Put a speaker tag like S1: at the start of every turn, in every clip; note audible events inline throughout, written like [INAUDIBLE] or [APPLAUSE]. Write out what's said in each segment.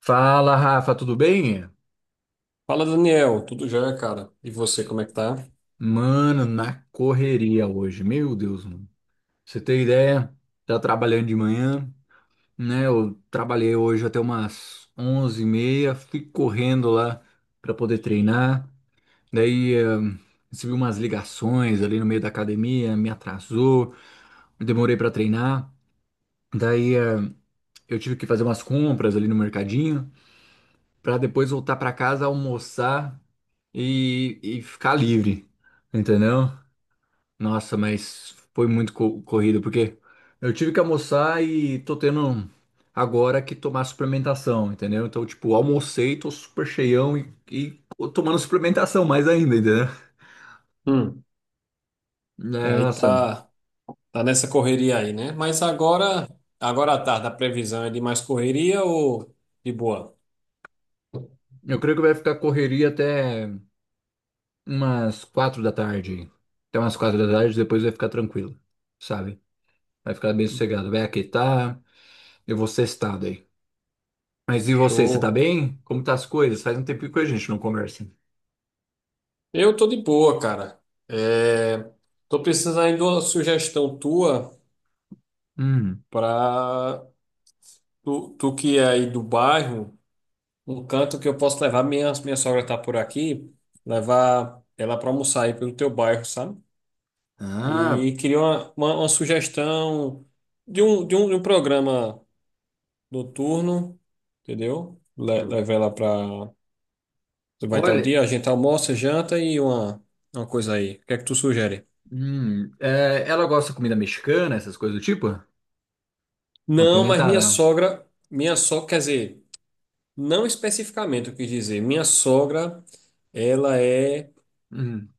S1: Fala, Rafa, tudo bem?
S2: Fala, Daniel. Tudo jóia, cara? E você, como é que tá?
S1: Mano, na correria hoje. Meu Deus, mano. Pra Você tem ideia? Tá trabalhando de manhã, né? Eu trabalhei hoje até umas 11h30, fui correndo lá pra poder treinar. Daí, recebi umas ligações ali no meio da academia, me atrasou, demorei pra treinar. Daí, eu tive que fazer umas compras ali no mercadinho pra depois voltar pra casa, almoçar e ficar livre, entendeu? Nossa, mas foi muito corrido, porque eu tive que almoçar e tô tendo agora que tomar suplementação, entendeu? Então, tipo, almocei, tô super cheião e tomando suplementação mais ainda, entendeu?
S2: Hum.
S1: É,
S2: Aí
S1: nossa,
S2: tá nessa correria aí, né? Mas agora à tarde, a previsão é de mais correria ou de boa?
S1: eu creio que vai ficar correria até umas 4 da tarde. Até umas quatro da tarde, depois vai ficar tranquilo, sabe? Vai ficar bem sossegado, vai aquietar, eu vou sextar daí. Mas e você, você tá
S2: Show.
S1: bem? Como tá as coisas? Faz um tempinho que a gente não conversa.
S2: Eu tô de boa, cara. É, tô precisando aí de uma sugestão tua
S1: Hum.
S2: pra tu que é aí do bairro, um canto que eu posso levar, minha sogra tá por aqui, levar ela pra almoçar aí pelo teu bairro, sabe?
S1: Ah,
S2: E queria uma sugestão de um programa noturno, entendeu?
S1: Pro-
S2: Leva ela pra. Vai estar o
S1: Olha,
S2: dia, a gente almoça, janta e uma coisa aí. O que é que tu sugere?
S1: ela gosta de comida mexicana, essas coisas do tipo?
S2: Não, mas minha
S1: Apimentada.
S2: sogra. Minha sogra, quer dizer, não especificamente eu quis dizer. Minha sogra, ela é
S1: Hum,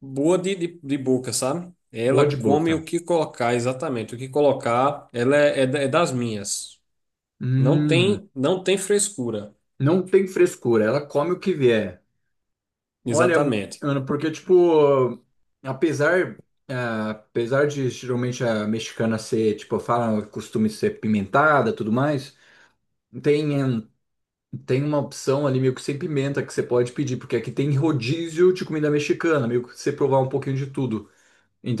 S2: boa de boca, sabe? Ela
S1: boa de
S2: come
S1: boca.
S2: o que colocar, exatamente. O que colocar, ela é das minhas. Não
S1: Hum,
S2: tem, não tem frescura.
S1: não tem frescura, ela come o que vier. Olha,
S2: Exatamente.
S1: Ana, porque, tipo, apesar, apesar de geralmente a mexicana ser, tipo, costume ser pimentada, tudo mais, tem, hum, tem uma opção ali meio que sem pimenta que você pode pedir, porque aqui tem rodízio de comida mexicana, meio que você provar um pouquinho de tudo,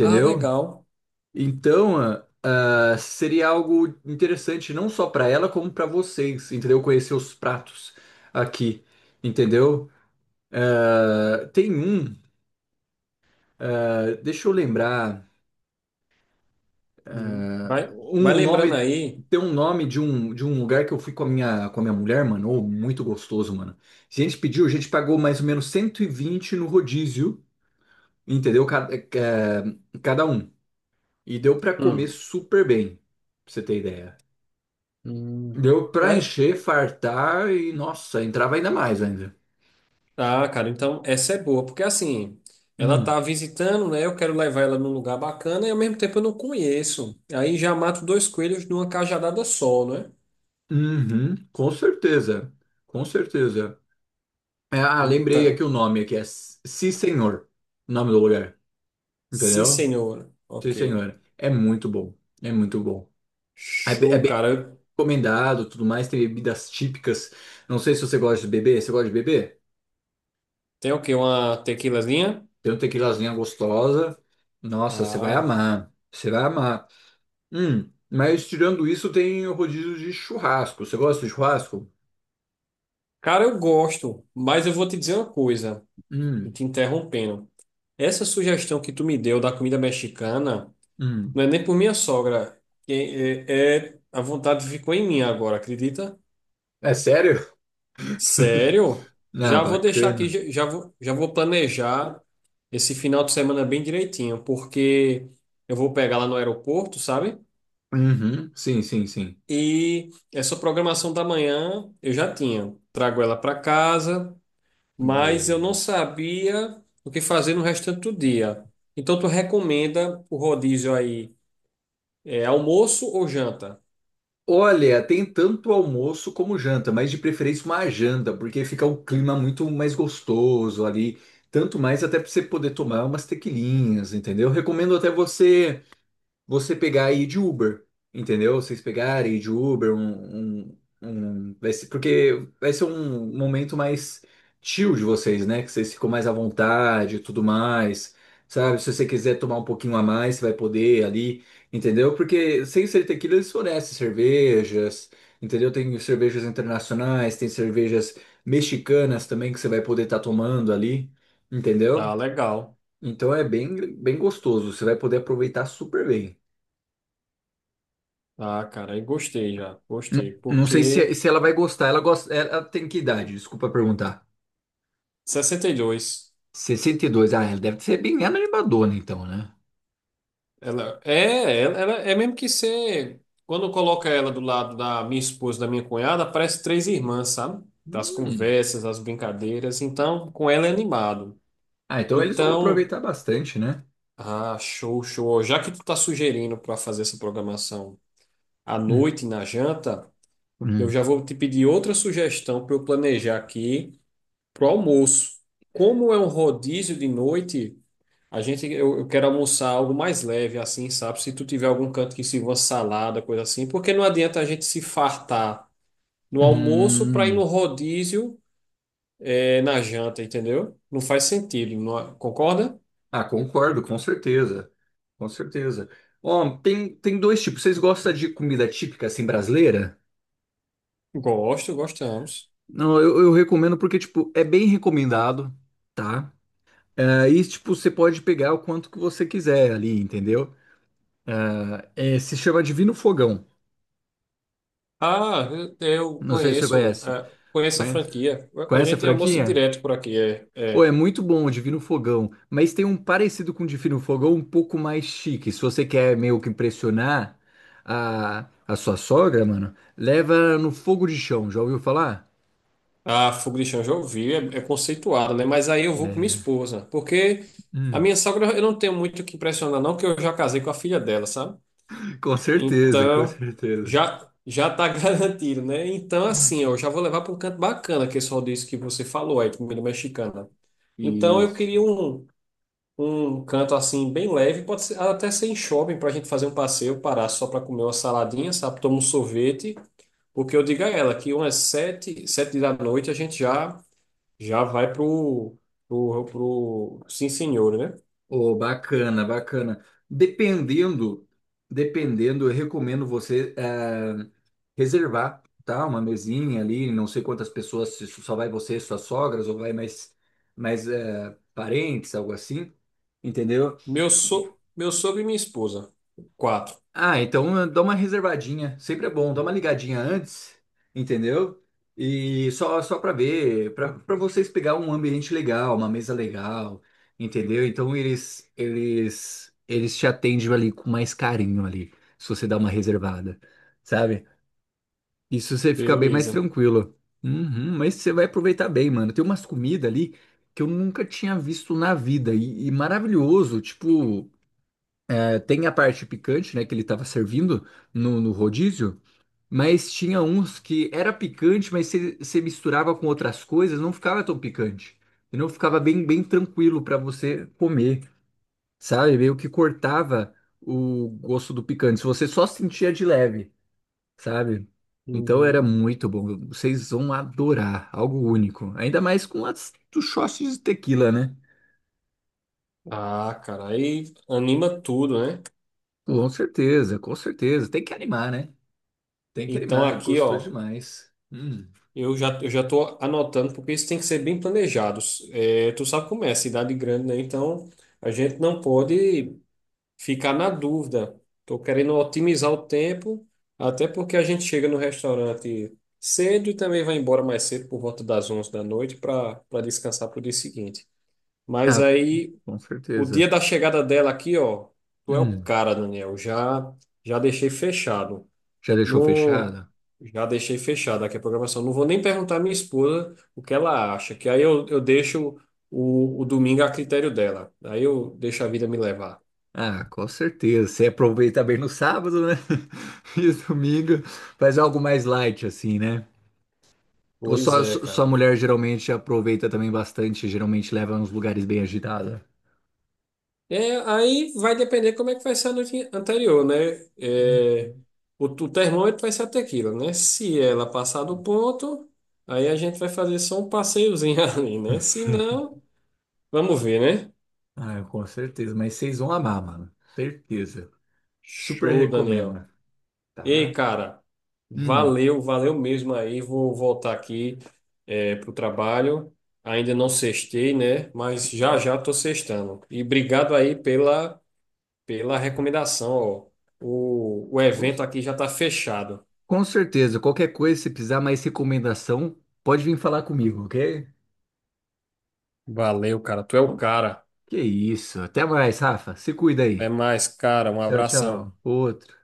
S2: Ah, legal.
S1: Então, seria algo interessante não só para ela, como para vocês, entendeu? Conhecer os pratos aqui, entendeu? Ah, tem um, deixa eu lembrar,
S2: Uhum. Vai
S1: um
S2: lembrando
S1: nome,
S2: aí.
S1: tem um nome de um lugar que eu fui com a minha mulher, mano, ô, muito gostoso, mano. A gente pediu, a gente pagou mais ou menos 120 no rodízio, entendeu? Cada um. E deu para comer
S2: Hum.
S1: super bem, pra você ter ideia.
S2: Hum.
S1: Deu pra
S2: Vai-
S1: encher, fartar e, nossa, entrava ainda mais ainda.
S2: Ah, cara, então essa é boa, porque assim, ela
S1: Hum.
S2: tá visitando, né? Eu quero levar ela num lugar bacana e ao mesmo tempo eu não conheço. Aí já mato dois coelhos numa cajadada só, né?
S1: Uhum, com certeza. Com certeza. É, ah, lembrei
S2: Então,
S1: aqui o nome aqui, é Sim Senhor, o nome do lugar.
S2: Sim
S1: Entendeu?
S2: Senhor.
S1: Sim
S2: Ok.
S1: Senhor. É muito bom. É muito bom. É
S2: Show,
S1: bem
S2: cara.
S1: recomendado, tudo mais, tem bebidas típicas. Não sei se você gosta de beber. Você gosta de beber?
S2: Tem o quê? Uma tequilazinha?
S1: Tem um tequilazinha gostosa. Nossa, você vai
S2: Ah,
S1: amar. Você vai amar. Mas tirando isso, tem o rodízio de churrasco. Você gosta de churrasco?
S2: cara, eu gosto, mas eu vou te dizer uma coisa. E
S1: Hum,
S2: te interrompendo. Essa sugestão que tu me deu da comida mexicana
S1: hum.
S2: não é nem por minha sogra, que é, a vontade ficou em mim agora, acredita?
S1: É sério? [LAUGHS]
S2: Sério?
S1: Ah,
S2: Já vou deixar aqui,
S1: bacana.
S2: já vou planejar esse final de semana bem direitinho, porque eu vou pegar lá no aeroporto, sabe?
S1: Uhum, sim, sim, sim.
S2: E essa programação da manhã eu já tinha. Trago ela para casa, mas eu não
S1: Boa.
S2: sabia o que fazer no restante do dia. Então, tu recomenda o rodízio aí, é almoço ou janta?
S1: Olha, tem tanto almoço como janta, mas de preferência uma janta, porque fica o clima muito mais gostoso ali. Tanto mais até para você poder tomar umas tequilinhas, entendeu? Recomendo até você. Você pegar e ir de Uber, entendeu? Vocês pegarem e ir de Uber, vai ser, porque vai ser um momento mais chill de vocês, né? Que vocês ficam mais à vontade e tudo mais, sabe? Se você quiser tomar um pouquinho a mais, você vai poder ali, entendeu? Porque sem ser tequila, eles fornecem cervejas, entendeu? Tem cervejas internacionais, tem cervejas mexicanas também que você vai poder estar tomando ali, entendeu?
S2: Ah, legal.
S1: Então é bem, bem gostoso, você vai poder aproveitar super bem.
S2: Ah, cara, aí gostei já, gostei,
S1: Não sei
S2: porque
S1: se, se ela vai gostar. Ela gosta. Ela tem que idade? Desculpa perguntar.
S2: 62,
S1: 62. Ah, ela deve ser bem animadona, então, né?
S2: ela é mesmo que ser, quando coloca ela do lado da minha esposa, e da minha cunhada, parece três irmãs, sabe? Das
S1: Hum.
S2: conversas, das brincadeiras, então, com ela é animado.
S1: Ah, então eles vão
S2: Então,
S1: aproveitar bastante, né?
S2: ah, show, show. Já que tu tá sugerindo para fazer essa programação à
S1: Hum.
S2: noite na janta, eu
S1: Hum.
S2: já vou te pedir outra sugestão para eu planejar aqui para o almoço. Como é um rodízio de noite, eu quero almoçar algo mais leve, assim, sabe? Se tu tiver algum canto que sirva salada, coisa assim, porque não adianta a gente se fartar no almoço para ir
S1: Hum.
S2: no rodízio na janta, entendeu? Não faz sentido, é? Concorda?
S1: Ah, concordo, com certeza. Com certeza. Ó, tem, tem dois tipos. Vocês gostam de comida típica, assim, brasileira?
S2: Gosto, gostamos.
S1: Não, eu recomendo porque, tipo, é bem recomendado, tá? É, e, tipo, você pode pegar o quanto que você quiser ali, entendeu? Ah, é, se chama Divino Fogão.
S2: Ah, eu
S1: Não sei se você
S2: conheço,
S1: conhece.
S2: conheço a
S1: Conhece,
S2: franquia. A
S1: conhece a
S2: gente almoça
S1: franquia?
S2: direto por aqui,
S1: Pô, é muito bom o Divino Fogão, mas tem um parecido com o Divino Fogão um pouco mais chique. Se você quer meio que impressionar a sua sogra, mano, leva no fogo de chão. Já ouviu falar?
S2: A Fogo de Chão já ouvi, é conceituada, né? Mas aí eu vou com minha esposa, porque a
S1: Hum.
S2: minha sogra eu não tenho muito o que impressionar, não, porque eu já casei com a filha dela, sabe?
S1: Com certeza, com
S2: Então,
S1: certeza.
S2: já tá [LAUGHS] garantido, né? Então, assim, ó, eu
S1: Uhum.
S2: já vou levar para um canto bacana, que é só disso que você falou aí, comida mexicana. Então, eu
S1: Isso.
S2: queria um canto assim, bem leve, pode ser, até ser em shopping, para a gente fazer um passeio, parar só para comer uma saladinha, sabe? Tomar um sorvete, porque eu digo a ela que umas sete da noite a gente já. Já vai pro Sim Senhor, né?
S1: Oh, bacana, bacana. Dependendo, dependendo, eu recomendo você, reservar, tá? Uma mesinha ali, não sei quantas pessoas, se só vai você, suas sogras, ou vai parentes, algo assim, entendeu?
S2: Meu sogro e minha esposa. Quatro.
S1: Ah, então dá uma reservadinha, sempre é bom, dá uma ligadinha antes, entendeu? E só para ver, para vocês pegar um ambiente legal, uma mesa legal, entendeu? Então eles te atendem ali com mais carinho ali, se você dá uma reservada, sabe? Isso você fica bem mais
S2: Beleza.
S1: tranquilo. Uhum, mas você vai aproveitar bem, mano. Tem umas comidas ali que eu nunca tinha visto na vida. E maravilhoso. Tipo, é, tem a parte picante, né? Que ele tava servindo no rodízio. Mas tinha uns que era picante, mas você misturava com outras coisas, não ficava tão picante. E não ficava bem, bem tranquilo pra você comer, sabe? Meio que cortava o gosto do picante. Se você só sentia de leve sabe? Então era
S2: Uhum.
S1: muito bom. Vocês vão adorar, algo único. Ainda mais com as dos shots de tequila, né?
S2: Ah, cara, aí anima tudo, né?
S1: Com certeza, com certeza. Tem que animar, né? Tem que
S2: Então
S1: animar,
S2: aqui,
S1: gostou
S2: ó,
S1: demais. Hum.
S2: eu já tô anotando, porque isso tem que ser bem planejado. É, tu sabe como é, cidade grande, né? Então a gente não pode ficar na dúvida. Estou querendo otimizar o tempo, até porque a gente chega no restaurante cedo e também vai embora mais cedo, por volta das 11 da noite, para descansar para o dia seguinte. Mas
S1: Ah,
S2: aí,
S1: com
S2: o dia
S1: certeza.
S2: da chegada dela aqui, ó, tu é o
S1: Hum.
S2: cara, Daniel. Já deixei fechado.
S1: Já deixou
S2: Não,
S1: fechado?
S2: já deixei fechado aqui a programação. Não vou nem perguntar à minha esposa o que ela acha, que aí eu deixo o domingo a critério dela. Aí eu deixo a vida me levar.
S1: Ah, com certeza. Você aproveita bem no sábado, né? [LAUGHS] E domingo faz algo mais light, assim, né? Ou
S2: Pois é,
S1: sua
S2: cara.
S1: mulher geralmente aproveita também bastante, geralmente leva nos lugares bem agitados.
S2: É, aí vai depender como é que vai ser a noite anterior, né? É,
S1: Hum.
S2: o termômetro vai ser até aquilo, né? Se ela passar do ponto, aí a gente vai fazer só um passeiozinho [LAUGHS] ali, né? Se não, vamos ver, né?
S1: Ah, com certeza. Mas vocês vão amar, mano. Certeza. Super
S2: Show, Daniel.
S1: recomendo,
S2: Ei,
S1: tá?
S2: cara,
S1: Hum,
S2: valeu, valeu mesmo aí. Vou voltar aqui, pro trabalho. Ainda não sextei, né? Mas já tô sextando. E obrigado aí pela recomendação, ó. O
S1: com
S2: evento aqui já está fechado.
S1: com certeza. Qualquer coisa, se precisar mais recomendação, pode vir falar comigo, ok?
S2: Valeu, cara. Tu é o cara.
S1: Que isso. Até mais, Rafa. Se cuida
S2: Até
S1: aí.
S2: mais, cara. Um
S1: Tchau,
S2: abração.
S1: tchau. Outro.